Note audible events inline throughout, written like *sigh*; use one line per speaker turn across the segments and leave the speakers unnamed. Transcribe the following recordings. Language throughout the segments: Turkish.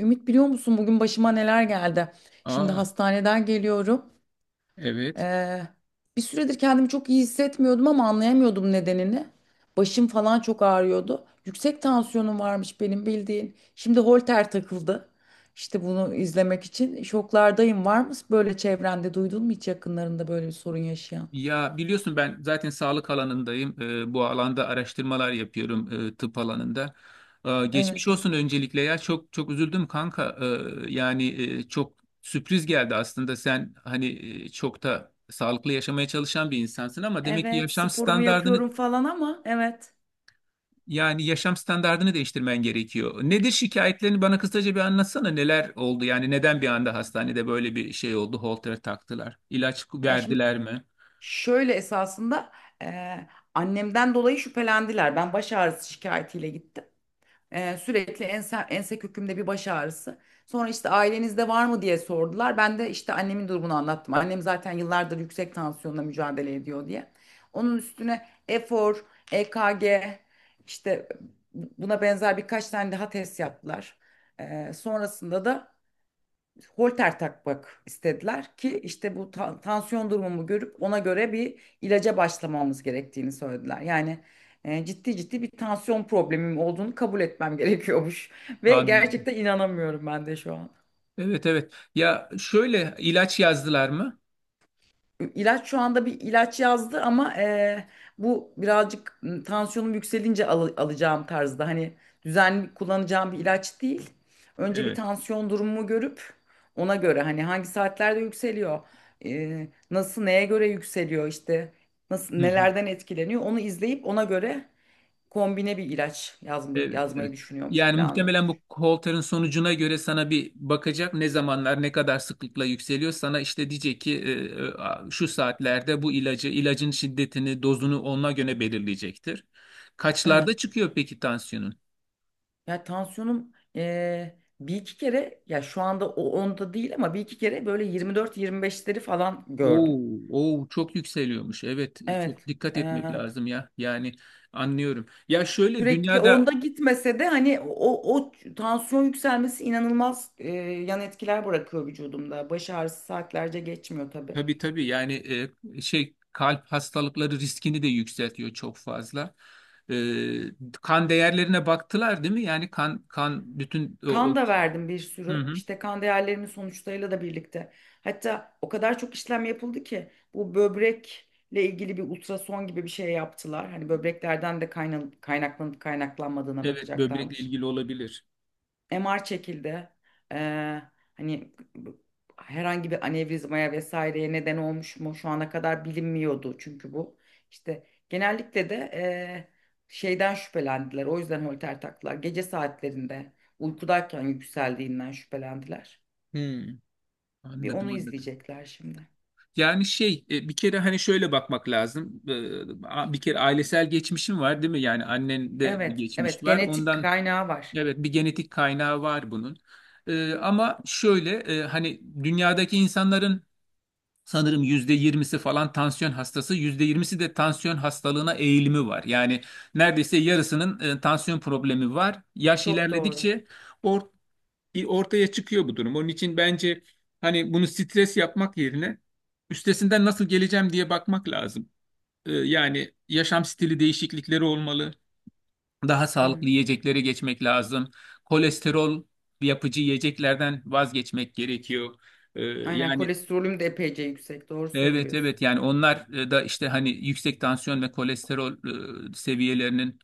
Ümit biliyor musun bugün başıma neler geldi? Şimdi
Aa,
hastaneden geliyorum.
evet.
Ee, Bir süredir kendimi çok iyi hissetmiyordum ama anlayamıyordum nedenini. Başım falan çok ağrıyordu. Yüksek tansiyonum varmış benim bildiğin. Şimdi holter takıldı. İşte bunu izlemek için şoklardayım. Var mı böyle çevrende duydun mu hiç yakınlarında böyle bir sorun yaşayan?
Ya biliyorsun ben zaten sağlık alanındayım. Bu alanda araştırmalar yapıyorum tıp alanında.
Evet.
Geçmiş olsun öncelikle ya çok çok üzüldüm kanka. Ee, yani çok Sürpriz geldi aslında. Sen hani çok da sağlıklı yaşamaya çalışan bir insansın ama demek ki
Evet, sporumu yapıyorum falan ama evet.
yaşam standardını değiştirmen gerekiyor. Nedir şikayetlerini bana kısaca bir anlatsana. Neler oldu? Yani neden bir anda hastanede böyle bir şey oldu? Holter taktılar. İlaç
Ya şimdi
verdiler mi?
Şöyle esasında annemden dolayı şüphelendiler. Ben baş ağrısı şikayetiyle gittim. Sürekli ense kökümde bir baş ağrısı. Sonra işte ailenizde var mı diye sordular. Ben de işte annemin durumunu anlattım. Annem zaten yıllardır yüksek tansiyonla mücadele ediyor diye. Onun üstüne efor, EKG işte buna benzer birkaç tane daha test yaptılar. Sonrasında da holter takmak istediler ki işte bu tansiyon durumumu görüp ona göre bir ilaca başlamamız gerektiğini söylediler. Yani ciddi ciddi bir tansiyon problemim olduğunu kabul etmem gerekiyormuş *laughs* ve
Anladım.
gerçekten inanamıyorum ben de şu an.
Evet, evet. Ya şöyle ilaç yazdılar mı?
İlaç şu anda bir ilaç yazdı ama bu birazcık tansiyonum yükselince alacağım tarzda hani düzenli kullanacağım bir ilaç değil. Önce bir
Evet.
tansiyon durumumu görüp ona göre hani hangi saatlerde yükseliyor, nasıl neye göre yükseliyor işte nasıl
Hı hı.
nelerden etkileniyor onu izleyip ona göre kombine bir ilaç
Evet, evet.
yazmayı düşünüyormuş,
Yani muhtemelen
planlıyormuş.
bu Holter'ın sonucuna göre sana bir bakacak, ne zamanlar ne kadar sıklıkla yükseliyor. Sana işte diyecek ki şu saatlerde bu ilacı, ilacın şiddetini, dozunu ona göre belirleyecektir.
Evet.
Kaçlarda çıkıyor peki tansiyonun?
Ya tansiyonum bir iki kere ya şu anda onda değil ama bir iki kere böyle 24-25'leri falan gördüm.
Oo, oo çok yükseliyormuş. Evet, çok
Evet.
dikkat etmek
eee,
lazım ya. Yani anlıyorum. Ya şöyle
Sürekli
dünyada...
onda gitmese de hani o tansiyon yükselmesi inanılmaz yan etkiler bırakıyor vücudumda. Baş ağrısı saatlerce geçmiyor tabii.
Tabii, tabii, yani şey, kalp hastalıkları riskini de yükseltiyor çok fazla. Kan değerlerine baktılar değil mi? Yani kan bütün
Kan da verdim bir
Hı
sürü.
hı.
İşte kan değerlerimin sonuçlarıyla da birlikte. Hatta o kadar çok işlem yapıldı ki bu böbrekle ilgili bir ultrason gibi bir şey yaptılar. Hani böbreklerden de kaynaklanıp kaynaklanmadığına
Evet, böbrekle
bakacaklarmış.
ilgili olabilir.
MR çekildi. Ee, hani herhangi bir anevrizmaya vesaireye neden olmuş mu şu ana kadar bilinmiyordu çünkü bu. İşte genellikle de şeyden şüphelendiler. O yüzden holter taktılar. Gece saatlerinde uykudayken yükseldiğinden şüphelendiler.
Hmm,
Bir onu
anladım, anladım.
izleyecekler şimdi.
Yani bir kere hani şöyle bakmak lazım. Bir kere ailesel geçmişim var değil mi? Yani annende bir
Evet,
geçmiş
evet
var.
genetik
Ondan
kaynağı var.
evet, bir genetik kaynağı var bunun. Ama şöyle hani dünyadaki insanların sanırım yüzde yirmisi falan tansiyon hastası, yüzde yirmisi de tansiyon hastalığına eğilimi var. Yani neredeyse yarısının tansiyon problemi var. Yaş
Çok doğru.
ilerledikçe or- ortaya çıkıyor bu durum. Onun için bence hani bunu stres yapmak yerine üstesinden nasıl geleceğim diye bakmak lazım. Yani yaşam stili değişiklikleri olmalı. Daha
Hı.
sağlıklı yiyeceklere geçmek lazım. Kolesterol yapıcı yiyeceklerden vazgeçmek gerekiyor. E,
Aynen,
yani
kolesterolüm de epeyce yüksek. Doğru
Evet,
söylüyorsun.
evet, yani onlar da işte hani yüksek tansiyon ve kolesterol seviyelerinin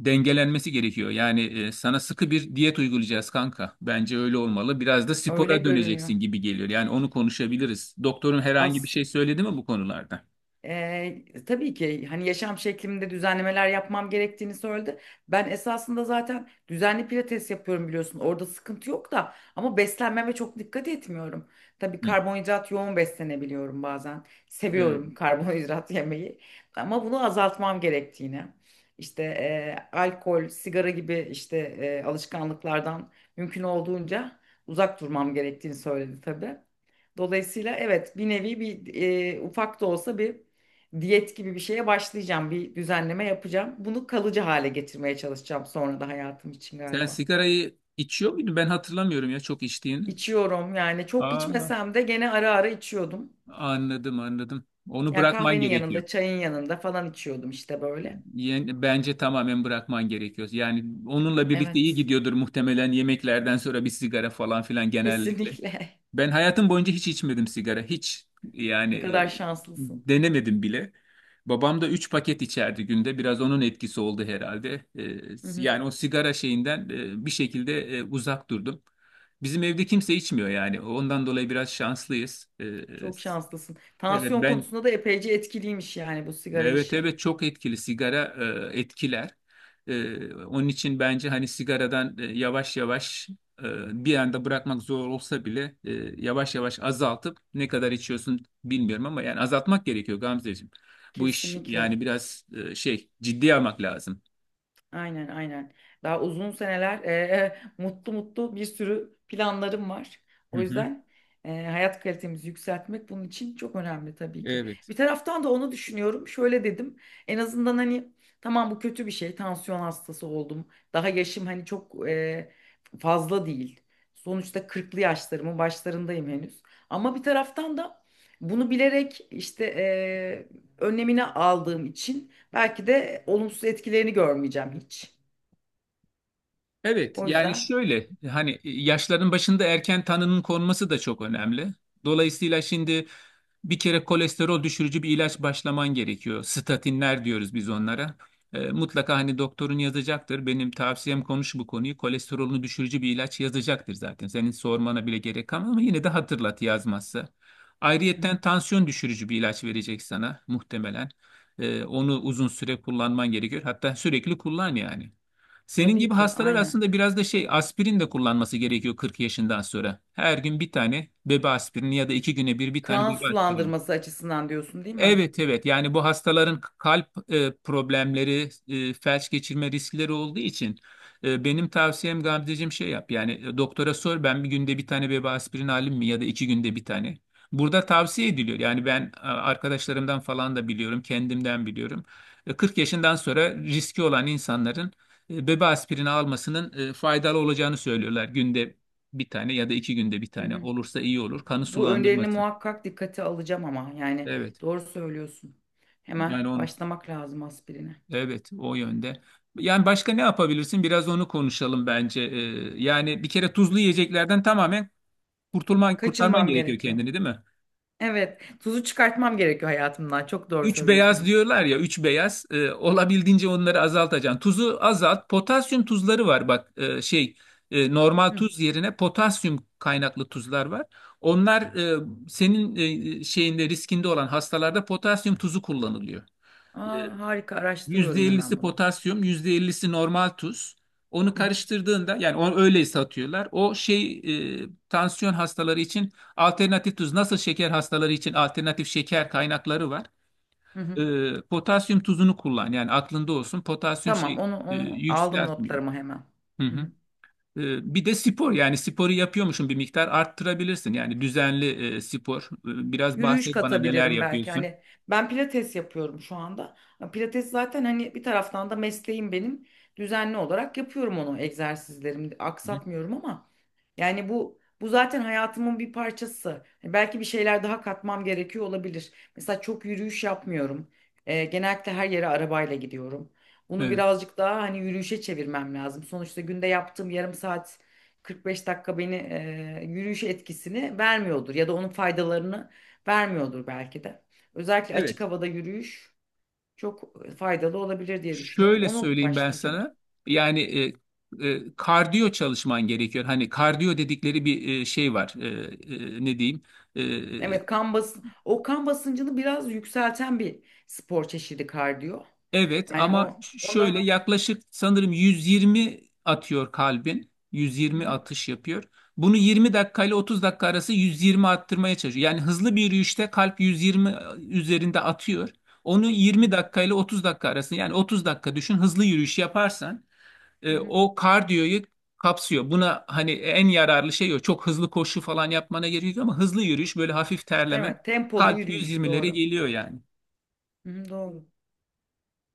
dengelenmesi gerekiyor. Yani sana sıkı bir diyet uygulayacağız kanka. Bence öyle olmalı. Biraz da
Öyle
spora
görünüyor.
döneceksin gibi geliyor. Yani onu konuşabiliriz. Doktorun herhangi bir
Az.
şey söyledi mi bu konularda?
Tabii ki hani yaşam şeklimde düzenlemeler yapmam gerektiğini söyledi. Ben esasında zaten düzenli pilates yapıyorum biliyorsun. Orada sıkıntı yok da ama beslenmeme çok dikkat etmiyorum. Tabii
Hı.
karbonhidrat yoğun beslenebiliyorum bazen.
Evet.
Seviyorum karbonhidrat *laughs* yemeyi ama bunu azaltmam gerektiğini. İşte alkol, sigara gibi işte alışkanlıklardan mümkün olduğunca uzak durmam gerektiğini söyledi tabii. Dolayısıyla evet, bir nevi bir ufak da olsa bir diyet gibi bir şeye başlayacağım. Bir düzenleme yapacağım. Bunu kalıcı hale getirmeye çalışacağım sonra da hayatım için
Sen
galiba.
sigarayı içiyor muydun? Ben hatırlamıyorum ya çok içtiğini.
İçiyorum yani, çok
Aa,
içmesem de gene ara ara içiyordum.
anladım, anladım. Onu
Yani
bırakman
kahvenin
gerekiyor.
yanında, çayın yanında falan içiyordum işte böyle.
Yani bence tamamen bırakman gerekiyor. Yani onunla birlikte iyi
Evet,
gidiyordur muhtemelen, yemeklerden sonra bir sigara falan filan genellikle.
kesinlikle.
Ben hayatım boyunca hiç içmedim sigara. Hiç,
*laughs*
yani
Ne kadar şanslısın.
denemedim bile. Babam da 3 paket içerdi günde. Biraz onun etkisi oldu herhalde.
Hı hı,
Yani o sigara şeyinden bir şekilde uzak durdum. Bizim evde kimse içmiyor yani. Ondan dolayı biraz şanslıyız. E,
çok şanslısın.
evet
Tansiyon
ben
konusunda da epeyce etkiliymiş yani bu sigara
Evet,
işi.
evet, çok etkili sigara, etkiler. Onun için bence hani sigaradan yavaş yavaş, bir anda bırakmak zor olsa bile, yavaş yavaş azaltıp, ne kadar içiyorsun bilmiyorum ama yani azaltmak gerekiyor Gamzeciğim. Bu iş
Kesinlikle.
yani biraz ciddiye almak lazım.
Aynen aynen. Daha uzun seneler mutlu mutlu bir sürü planlarım var.
Hı
O
hı.
yüzden hayat kalitemizi yükseltmek bunun için çok önemli tabii ki.
Evet.
Bir taraftan da onu düşünüyorum. Şöyle dedim. En azından hani tamam, bu kötü bir şey. Tansiyon hastası oldum. Daha yaşım hani çok fazla değil. Sonuçta kırklı yaşlarımın başlarındayım henüz. Ama bir taraftan da bunu bilerek işte önlemini aldığım için belki de olumsuz etkilerini görmeyeceğim hiç.
Evet,
O
yani
yüzden.
şöyle hani yaşların başında erken tanının konması da çok önemli. Dolayısıyla şimdi bir kere kolesterol düşürücü bir ilaç başlaman gerekiyor. Statinler diyoruz biz onlara. Mutlaka hani doktorun yazacaktır. Benim tavsiyem konuş bu konuyu. Kolesterolünü düşürücü bir ilaç yazacaktır zaten. Senin sormana bile gerek kalmaz ama yine de hatırlat yazmazsa.
Hı hı.
Ayrıyetten tansiyon düşürücü bir ilaç verecek sana muhtemelen. Onu uzun süre kullanman gerekiyor. Hatta sürekli kullan yani. Senin
Tabii
gibi
ki
hastalar
aynen.
aslında biraz da şey, aspirin de kullanması gerekiyor 40 yaşından sonra. Her gün bir tane bebe aspirini ya da iki güne bir bir tane
Kan
bebe aspirini.
sulandırması açısından diyorsun değil mi?
Evet, evet, yani bu hastaların kalp problemleri, felç geçirme riskleri olduğu için benim tavsiyem Gamzeciğim, şey yap yani, doktora sor, ben bir günde bir tane bebe aspirin alayım mı ya da iki günde bir tane. Burada tavsiye ediliyor yani, ben arkadaşlarımdan falan da biliyorum, kendimden biliyorum. 40 yaşından sonra riski olan insanların bebe aspirini almasının faydalı olacağını söylüyorlar. Günde bir tane ya da iki günde bir
Hı
tane
hı.
olursa iyi olur kanı
Bu önerini
sulandırması.
muhakkak dikkate alacağım ama yani
Evet
doğru söylüyorsun. Hemen
yani onu.
başlamak lazım aspirine.
Evet, o yönde. Yani başka ne yapabilirsin? Biraz onu konuşalım bence. Yani bir kere tuzlu yiyeceklerden tamamen kurtarman
Kaçınmam
gerekiyor
gerekiyor.
kendini, değil mi?
Evet, tuzu çıkartmam gerekiyor hayatımdan. Çok doğru
Üç
söylüyorsun,
beyaz
Ümit.
diyorlar ya, üç beyaz. Olabildiğince onları azaltacaksın. Tuzu azalt. Potasyum tuzları var bak, normal
Hı.
tuz yerine potasyum kaynaklı tuzlar var. Onlar senin e, e, şeyinde riskinde olan hastalarda potasyum tuzu kullanılıyor. E,
Aa, harika, araştırıyorum hemen
%50'si
bunu.
potasyum, %50'si normal tuz. Onu
Hı hı.
karıştırdığında, yani onu öyle satıyorlar. Tansiyon hastaları için alternatif tuz, nasıl şeker hastaları için alternatif şeker kaynakları var.
Hı hı.
Potasyum tuzunu kullan yani, aklında olsun. Potasyum
Tamam,
şey e,
onu aldım
yükseltmiyor.
notlarıma hemen.
Hı
Hı
hı.
hı.
Bir de spor, yani sporu yapıyormuşsun, bir miktar arttırabilirsin. Yani düzenli spor. Biraz
Yürüyüş
bahset bana neler
katabilirim belki.
yapıyorsun.
Hani ben pilates yapıyorum şu anda. Pilates zaten hani bir taraftan da mesleğim benim. Düzenli olarak yapıyorum onu, egzersizlerimi
Hı hı.
aksatmıyorum ama yani bu zaten hayatımın bir parçası. Hani belki bir şeyler daha katmam gerekiyor olabilir. Mesela çok yürüyüş yapmıyorum. Genellikle her yere arabayla gidiyorum. Bunu
Evet.
birazcık daha hani yürüyüşe çevirmem lazım. Sonuçta günde yaptığım yarım saat 45 dakika beni yürüyüş etkisini vermiyordur ya da onun faydalarını vermiyordur belki de. Özellikle açık
Evet.
havada yürüyüş çok faydalı olabilir diye düşünüyorum.
Şöyle
Onu
söyleyeyim ben
başlayacağım.
sana. Yani kardiyo çalışman gerekiyor. Hani kardiyo dedikleri bir şey var. Ne diyeyim? E, e,
Evet, kan basın o kan basıncını biraz yükselten bir spor çeşidi kardiyo.
evet,
Yani
ama şöyle,
onda.
yaklaşık sanırım 120 atıyor kalbin.
Hı
120
hı,
atış yapıyor. Bunu 20 dakika ile 30 dakika arası 120 arttırmaya çalışıyor. Yani hızlı bir yürüyüşte kalp 120 üzerinde atıyor. Onu
hı
20
hı,
dakika ile 30 dakika arasında, yani 30 dakika düşün, hızlı yürüyüş yaparsan
hı hı.
o kardiyoyu kapsıyor. Buna hani en yararlı şey o. Çok hızlı koşu falan yapmana gerek yok ama hızlı yürüyüş, böyle hafif terleme,
Evet, tempolu
kalp
yürüyüş,
120'lere
doğru.
geliyor yani.
Hı hı, doğru.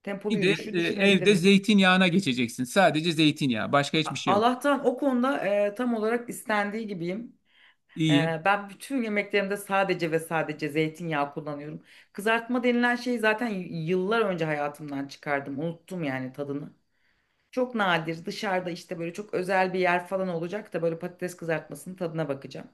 Tempolu
Bir de
yürüyüşü
evde
düşünebilirim.
zeytinyağına geçeceksin. Sadece zeytinyağı, başka hiçbir şey yok.
Allah'tan o konuda tam olarak istendiği gibiyim.
İyi.
Ben bütün yemeklerimde sadece ve sadece zeytinyağı kullanıyorum. Kızartma denilen şeyi zaten yıllar önce hayatımdan çıkardım. Unuttum yani tadını. Çok nadir dışarıda işte böyle çok özel bir yer falan olacak da böyle patates kızartmasının tadına bakacağım.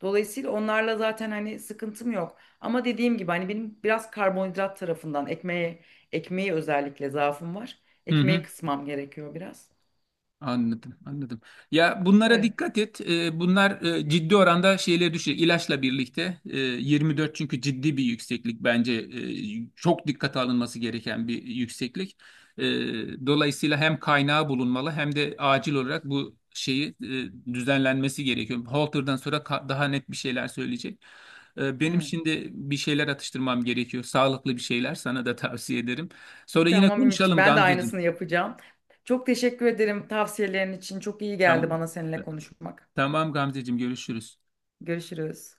Dolayısıyla onlarla zaten hani sıkıntım yok. Ama dediğim gibi hani benim biraz karbonhidrat tarafından ekmeği özellikle zaafım var.
Hı
Ekmeği
hı.
kısmam gerekiyor biraz.
Anladım, anladım. Ya bunlara
Böyle.
dikkat et. Bunlar ciddi oranda şeyleri düşecek. İlaçla birlikte 24, çünkü ciddi bir yükseklik, bence çok dikkate alınması gereken bir yükseklik. E, Dolayısıyla hem kaynağı bulunmalı hem de acil olarak bu şeyi düzenlenmesi gerekiyor. Halter'dan sonra daha net bir şeyler söyleyecek. Benim
Evet.
şimdi bir şeyler atıştırmam gerekiyor. Sağlıklı bir şeyler sana da tavsiye ederim. Sonra yine
Tamam Ümitciğim,
konuşalım
ben de aynısını
Gamzeciğim.
yapacağım. Çok teşekkür ederim tavsiyelerin için. Çok iyi geldi
Tamam.
bana seninle konuşmak.
Tamam Gamzeciğim, görüşürüz.
Görüşürüz.